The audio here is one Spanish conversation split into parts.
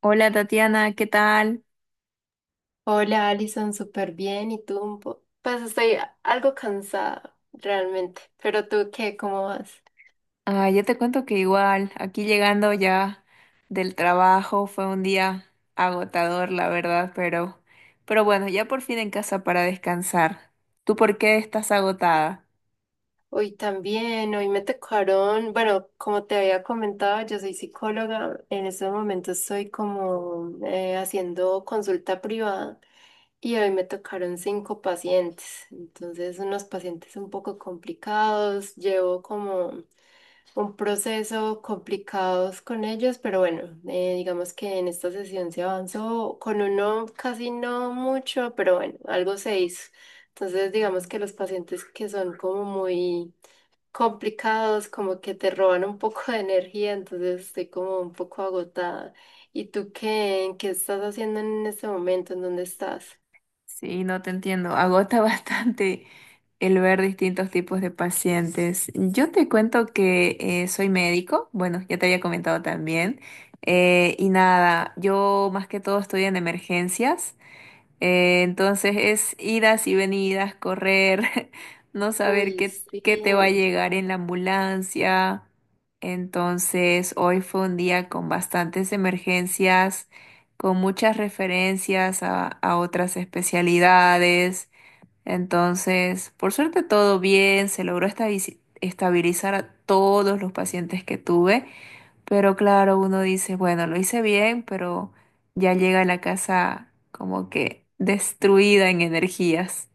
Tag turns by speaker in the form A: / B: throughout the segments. A: Hola Tatiana, ¿qué tal?
B: Hola, Alison, súper bien. ¿Y tú? Pues estoy algo cansada, realmente. Pero tú, ¿qué? ¿Cómo vas?
A: Ah, yo te cuento que igual, aquí llegando ya del trabajo, fue un día agotador, la verdad, pero bueno, ya por fin en casa para descansar. ¿Tú por qué estás agotada?
B: Hoy también, hoy me tocaron, bueno, como te había comentado, yo soy psicóloga. En estos momentos estoy como haciendo consulta privada y hoy me tocaron cinco pacientes. Entonces, unos pacientes un poco complicados. Llevo como un proceso complicados con ellos, pero bueno, digamos que en esta sesión se avanzó con uno casi no mucho, pero bueno, algo se hizo. Entonces, digamos que los pacientes que son como muy complicados, como que te roban un poco de energía, entonces estoy como un poco agotada. ¿Y tú qué? ¿Qué estás haciendo en este momento? ¿En dónde estás?
A: Sí, no te entiendo, agota bastante el ver distintos tipos de pacientes. Yo te cuento que soy médico, bueno, ya te había comentado también, y nada, yo más que todo estoy en emergencias. Entonces es idas y venidas, correr, no saber
B: Uy, sí.
A: qué te va a llegar en la ambulancia. Entonces hoy fue un día con bastantes emergencias, con muchas referencias a otras especialidades. Entonces, por suerte todo bien, se logró estabilizar a todos los pacientes que tuve. Pero claro, uno dice, bueno, lo hice bien, pero ya llega a la casa como que destruida en energías.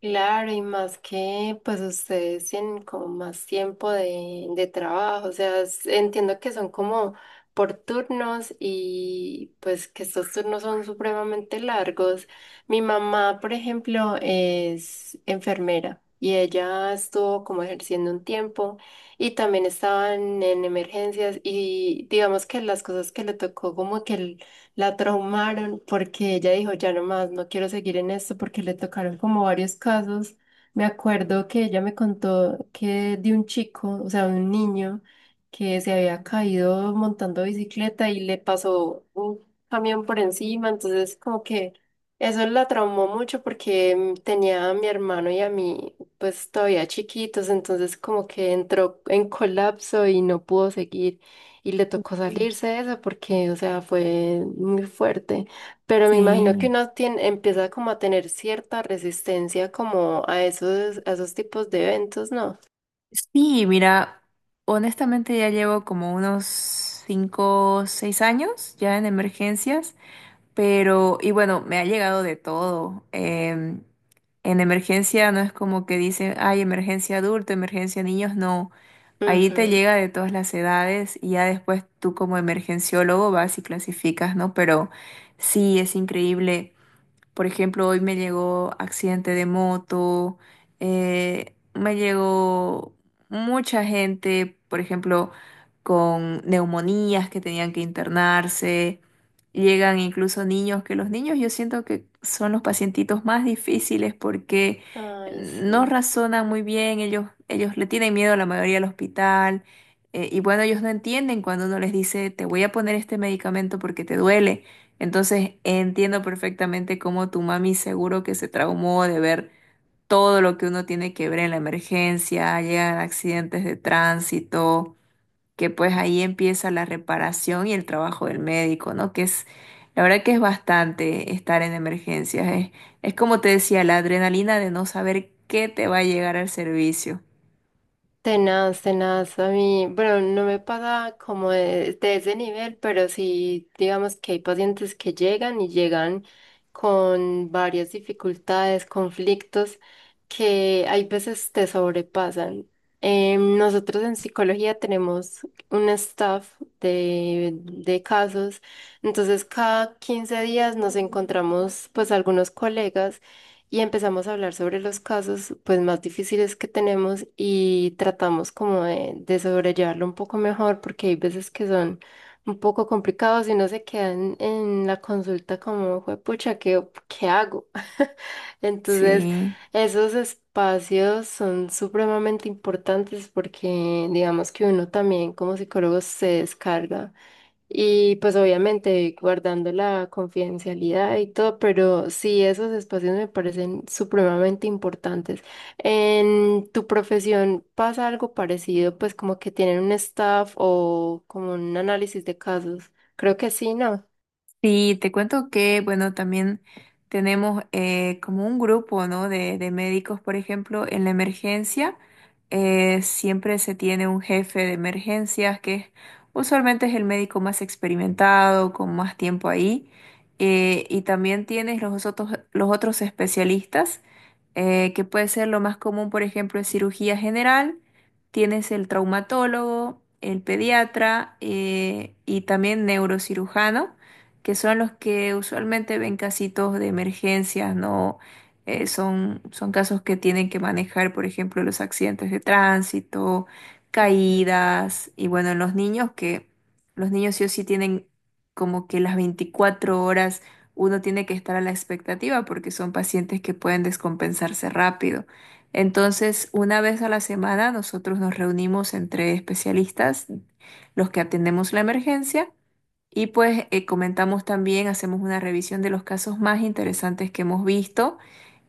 B: Claro, y más que pues ustedes tienen como más tiempo de trabajo, o sea, entiendo que son como por turnos y pues que estos turnos son supremamente largos. Mi mamá, por ejemplo, es enfermera y ella estuvo como ejerciendo un tiempo y también estaban en emergencias y digamos que las cosas que le tocó como que el la traumaron porque ella dijo, ya no más, no quiero seguir en esto porque le tocaron como varios casos. Me acuerdo que ella me contó que de un chico, o sea, un niño que se había caído montando bicicleta y le pasó un camión por encima, entonces como que eso la traumó mucho porque tenía a mi hermano y a mí pues todavía chiquitos, entonces como que entró en colapso y no pudo seguir. Y le tocó
A: Sí.
B: salirse de eso porque, o sea, fue muy fuerte. Pero me imagino que
A: Sí,
B: uno tiene, empieza como a tener cierta resistencia como a esos tipos de eventos, ¿no?
A: sí, mira, honestamente ya llevo como unos 5, 6 años ya en emergencias, pero, y bueno, me ha llegado de todo. En emergencia no es como que dicen, ay, emergencia adulto, emergencia niños, no. Ahí te
B: Ujú.
A: llega de todas las edades y ya después tú como emergenciólogo vas y clasificas, ¿no? Pero sí, es increíble. Por ejemplo, hoy me llegó accidente de moto, me llegó mucha gente, por ejemplo, con neumonías que tenían que internarse. Llegan incluso niños, que los niños yo siento que son los pacientitos más difíciles porque
B: Ay,
A: no
B: sí.
A: razonan muy bien, ellos le tienen miedo a la mayoría al hospital. Y bueno, ellos no entienden cuando uno les dice, te voy a poner este medicamento porque te duele. Entonces entiendo perfectamente cómo tu mami seguro que se traumó de ver todo lo que uno tiene que ver en la emergencia, llegan accidentes de tránsito, que pues ahí empieza la reparación y el trabajo del médico, ¿no? Que es, la verdad que es bastante estar en emergencias, es como te decía, la adrenalina de no saber qué te va a llegar al servicio.
B: Tenaz, tenaz, a mí, bueno, no me pasa como de ese nivel, pero sí, digamos que hay pacientes que llegan y llegan con varias dificultades, conflictos que hay veces te sobrepasan. Nosotros en psicología tenemos un staff de casos, entonces cada 15 días nos encontramos pues algunos colegas y empezamos a hablar sobre los casos pues más difíciles que tenemos y tratamos como de sobrellevarlo un poco mejor porque hay veces que son un poco complicados y no se quedan en la consulta como, pucha, ¿qué hago? Entonces,
A: Sí.
B: esos espacios son supremamente importantes porque digamos que uno también como psicólogo se descarga y pues obviamente guardando la confidencialidad y todo, pero sí, esos espacios me parecen supremamente importantes. ¿En tu profesión pasa algo parecido, pues como que tienen un staff o como un análisis de casos? Creo que sí, ¿no?
A: Sí, te cuento que, bueno, también tenemos como un grupo, ¿no? De médicos, por ejemplo, en la emergencia, siempre se tiene un jefe de emergencias que usualmente es el médico más experimentado, con más tiempo ahí, y también tienes los otros especialistas, que puede ser lo más común, por ejemplo, en cirugía general, tienes el traumatólogo, el pediatra, y también neurocirujano que son los que usualmente ven casitos de emergencias, ¿no? Son casos que tienen que manejar, por ejemplo, los accidentes de tránsito,
B: Ujú.
A: caídas, y bueno, en los niños que los niños sí o sí tienen como que las 24 horas uno tiene que estar a la expectativa porque son pacientes que pueden descompensarse rápido. Entonces, una vez a la semana nosotros nos reunimos entre especialistas, los que atendemos la emergencia, y pues comentamos también, hacemos una revisión de los casos más interesantes que hemos visto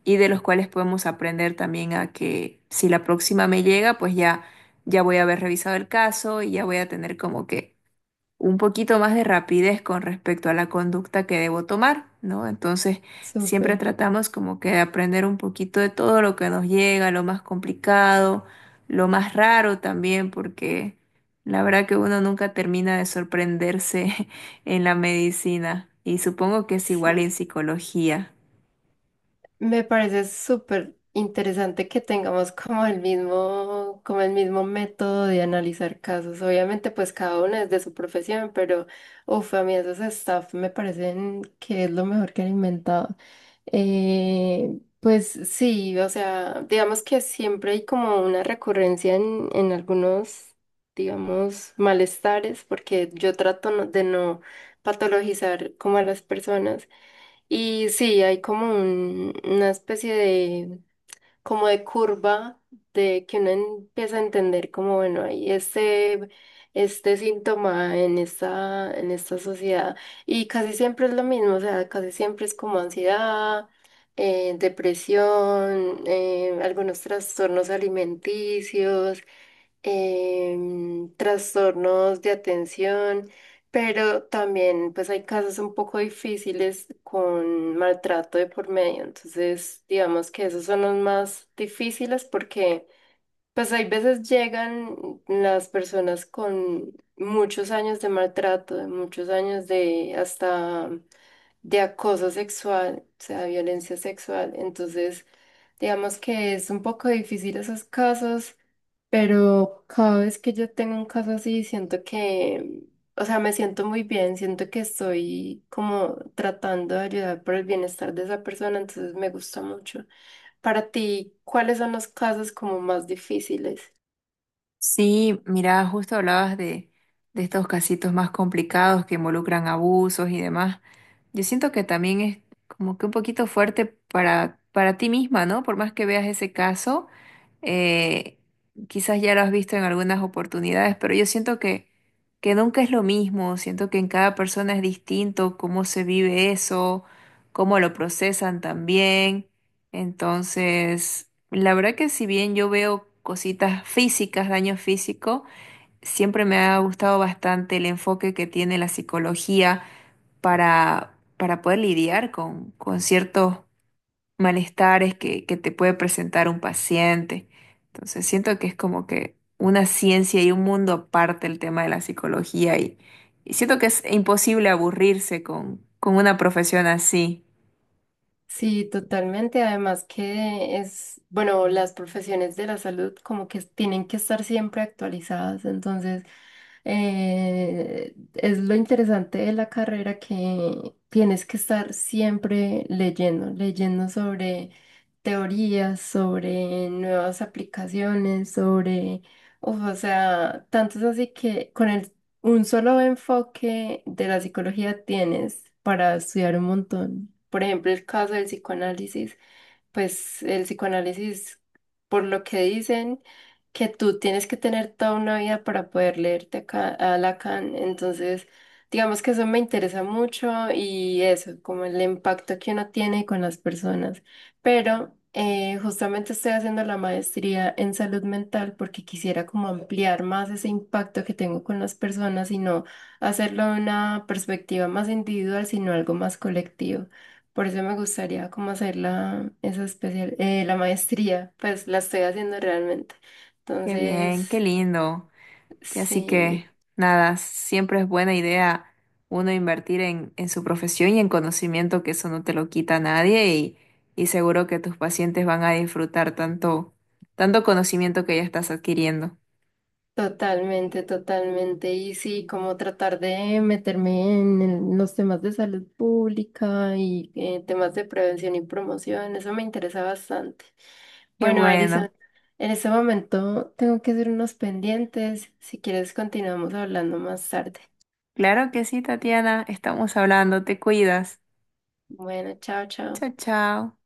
A: y de los cuales podemos aprender también a que si la próxima me llega, pues ya, ya voy a haber revisado el caso y ya voy a tener como que un poquito más de rapidez con respecto a la conducta que debo tomar, ¿no? Entonces, siempre
B: Súper,
A: tratamos como que de aprender un poquito de todo lo que nos llega, lo más complicado, lo más raro también, porque la verdad que uno nunca termina de sorprenderse en la medicina y supongo que es igual en
B: sí.
A: psicología.
B: Me parece súper interesante que tengamos como el mismo método de analizar casos. Obviamente, pues cada uno es de su profesión, pero uff, a mí esos staff me parecen que es lo mejor que han inventado. Pues sí, o sea, digamos que siempre hay como una recurrencia en algunos, digamos, malestares, porque yo trato de no patologizar como a las personas. Y sí, hay como una especie de, como de curva de que uno empieza a entender como, bueno, hay este síntoma en esta sociedad. Y casi siempre es lo mismo, o sea, casi siempre es como ansiedad, depresión, algunos trastornos alimenticios trastornos de atención, pero también pues hay casos un poco difíciles con maltrato de por medio. Entonces, digamos que esos son los más difíciles porque pues hay veces llegan las personas con muchos años de maltrato, de muchos años de hasta de acoso sexual, o sea, violencia sexual. Entonces, digamos que es un poco difícil esos casos, pero cada vez que yo tengo un caso así, siento que, o sea, me siento muy bien, siento que estoy como tratando de ayudar por el bienestar de esa persona, entonces me gusta mucho. Para ti, ¿cuáles son los casos como más difíciles?
A: Sí, mira, justo hablabas de estos casitos más complicados que involucran abusos y demás. Yo siento que también es como que un poquito fuerte para ti misma, ¿no? Por más que veas ese caso, eh, quizás ya lo has visto en algunas oportunidades, pero yo siento que nunca es lo mismo, siento que en cada persona es distinto cómo se vive eso, cómo lo procesan también. Entonces, la verdad que si bien yo veo cositas físicas, daño físico, siempre me ha gustado bastante el enfoque que tiene la psicología para poder lidiar con ciertos malestares que te puede presentar un paciente. Entonces, siento que es como que una ciencia y un mundo aparte el tema de la psicología y siento que es imposible aburrirse con una profesión así.
B: Sí, totalmente. Además que es, bueno, las profesiones de la salud como que tienen que estar siempre actualizadas. Entonces, es lo interesante de la carrera que tienes que estar siempre leyendo, leyendo sobre teorías, sobre nuevas aplicaciones, sobre, uf, o sea, tanto es así que con un solo enfoque de la psicología tienes para estudiar un montón. Por ejemplo, el caso del psicoanálisis, pues el psicoanálisis, por lo que dicen, que tú tienes que tener toda una vida para poder leerte a Lacan. Entonces, digamos que eso me interesa mucho y eso, como el impacto que uno tiene con las personas. Pero justamente estoy haciendo la maestría en salud mental porque quisiera como ampliar más ese impacto que tengo con las personas y no hacerlo de una perspectiva más individual, sino algo más colectivo. Por eso me gustaría como hacer esa la maestría, pues la estoy haciendo realmente.
A: Qué bien, qué
B: Entonces,
A: lindo. Que así que
B: sí,
A: nada, siempre es buena idea uno invertir en su profesión y en conocimiento, que eso no te lo quita nadie y, y seguro que tus pacientes van a disfrutar tanto, tanto conocimiento que ya estás adquiriendo.
B: totalmente, totalmente. Y sí, como tratar de meterme en los temas de salud pública y temas de prevención y promoción, eso me interesa bastante.
A: Qué
B: Bueno, Alison,
A: bueno.
B: en este momento tengo que hacer unos pendientes. Si quieres, continuamos hablando más tarde.
A: Claro que sí, Tatiana, estamos hablando, te cuidas.
B: Bueno, chao, chao.
A: Chao, chao.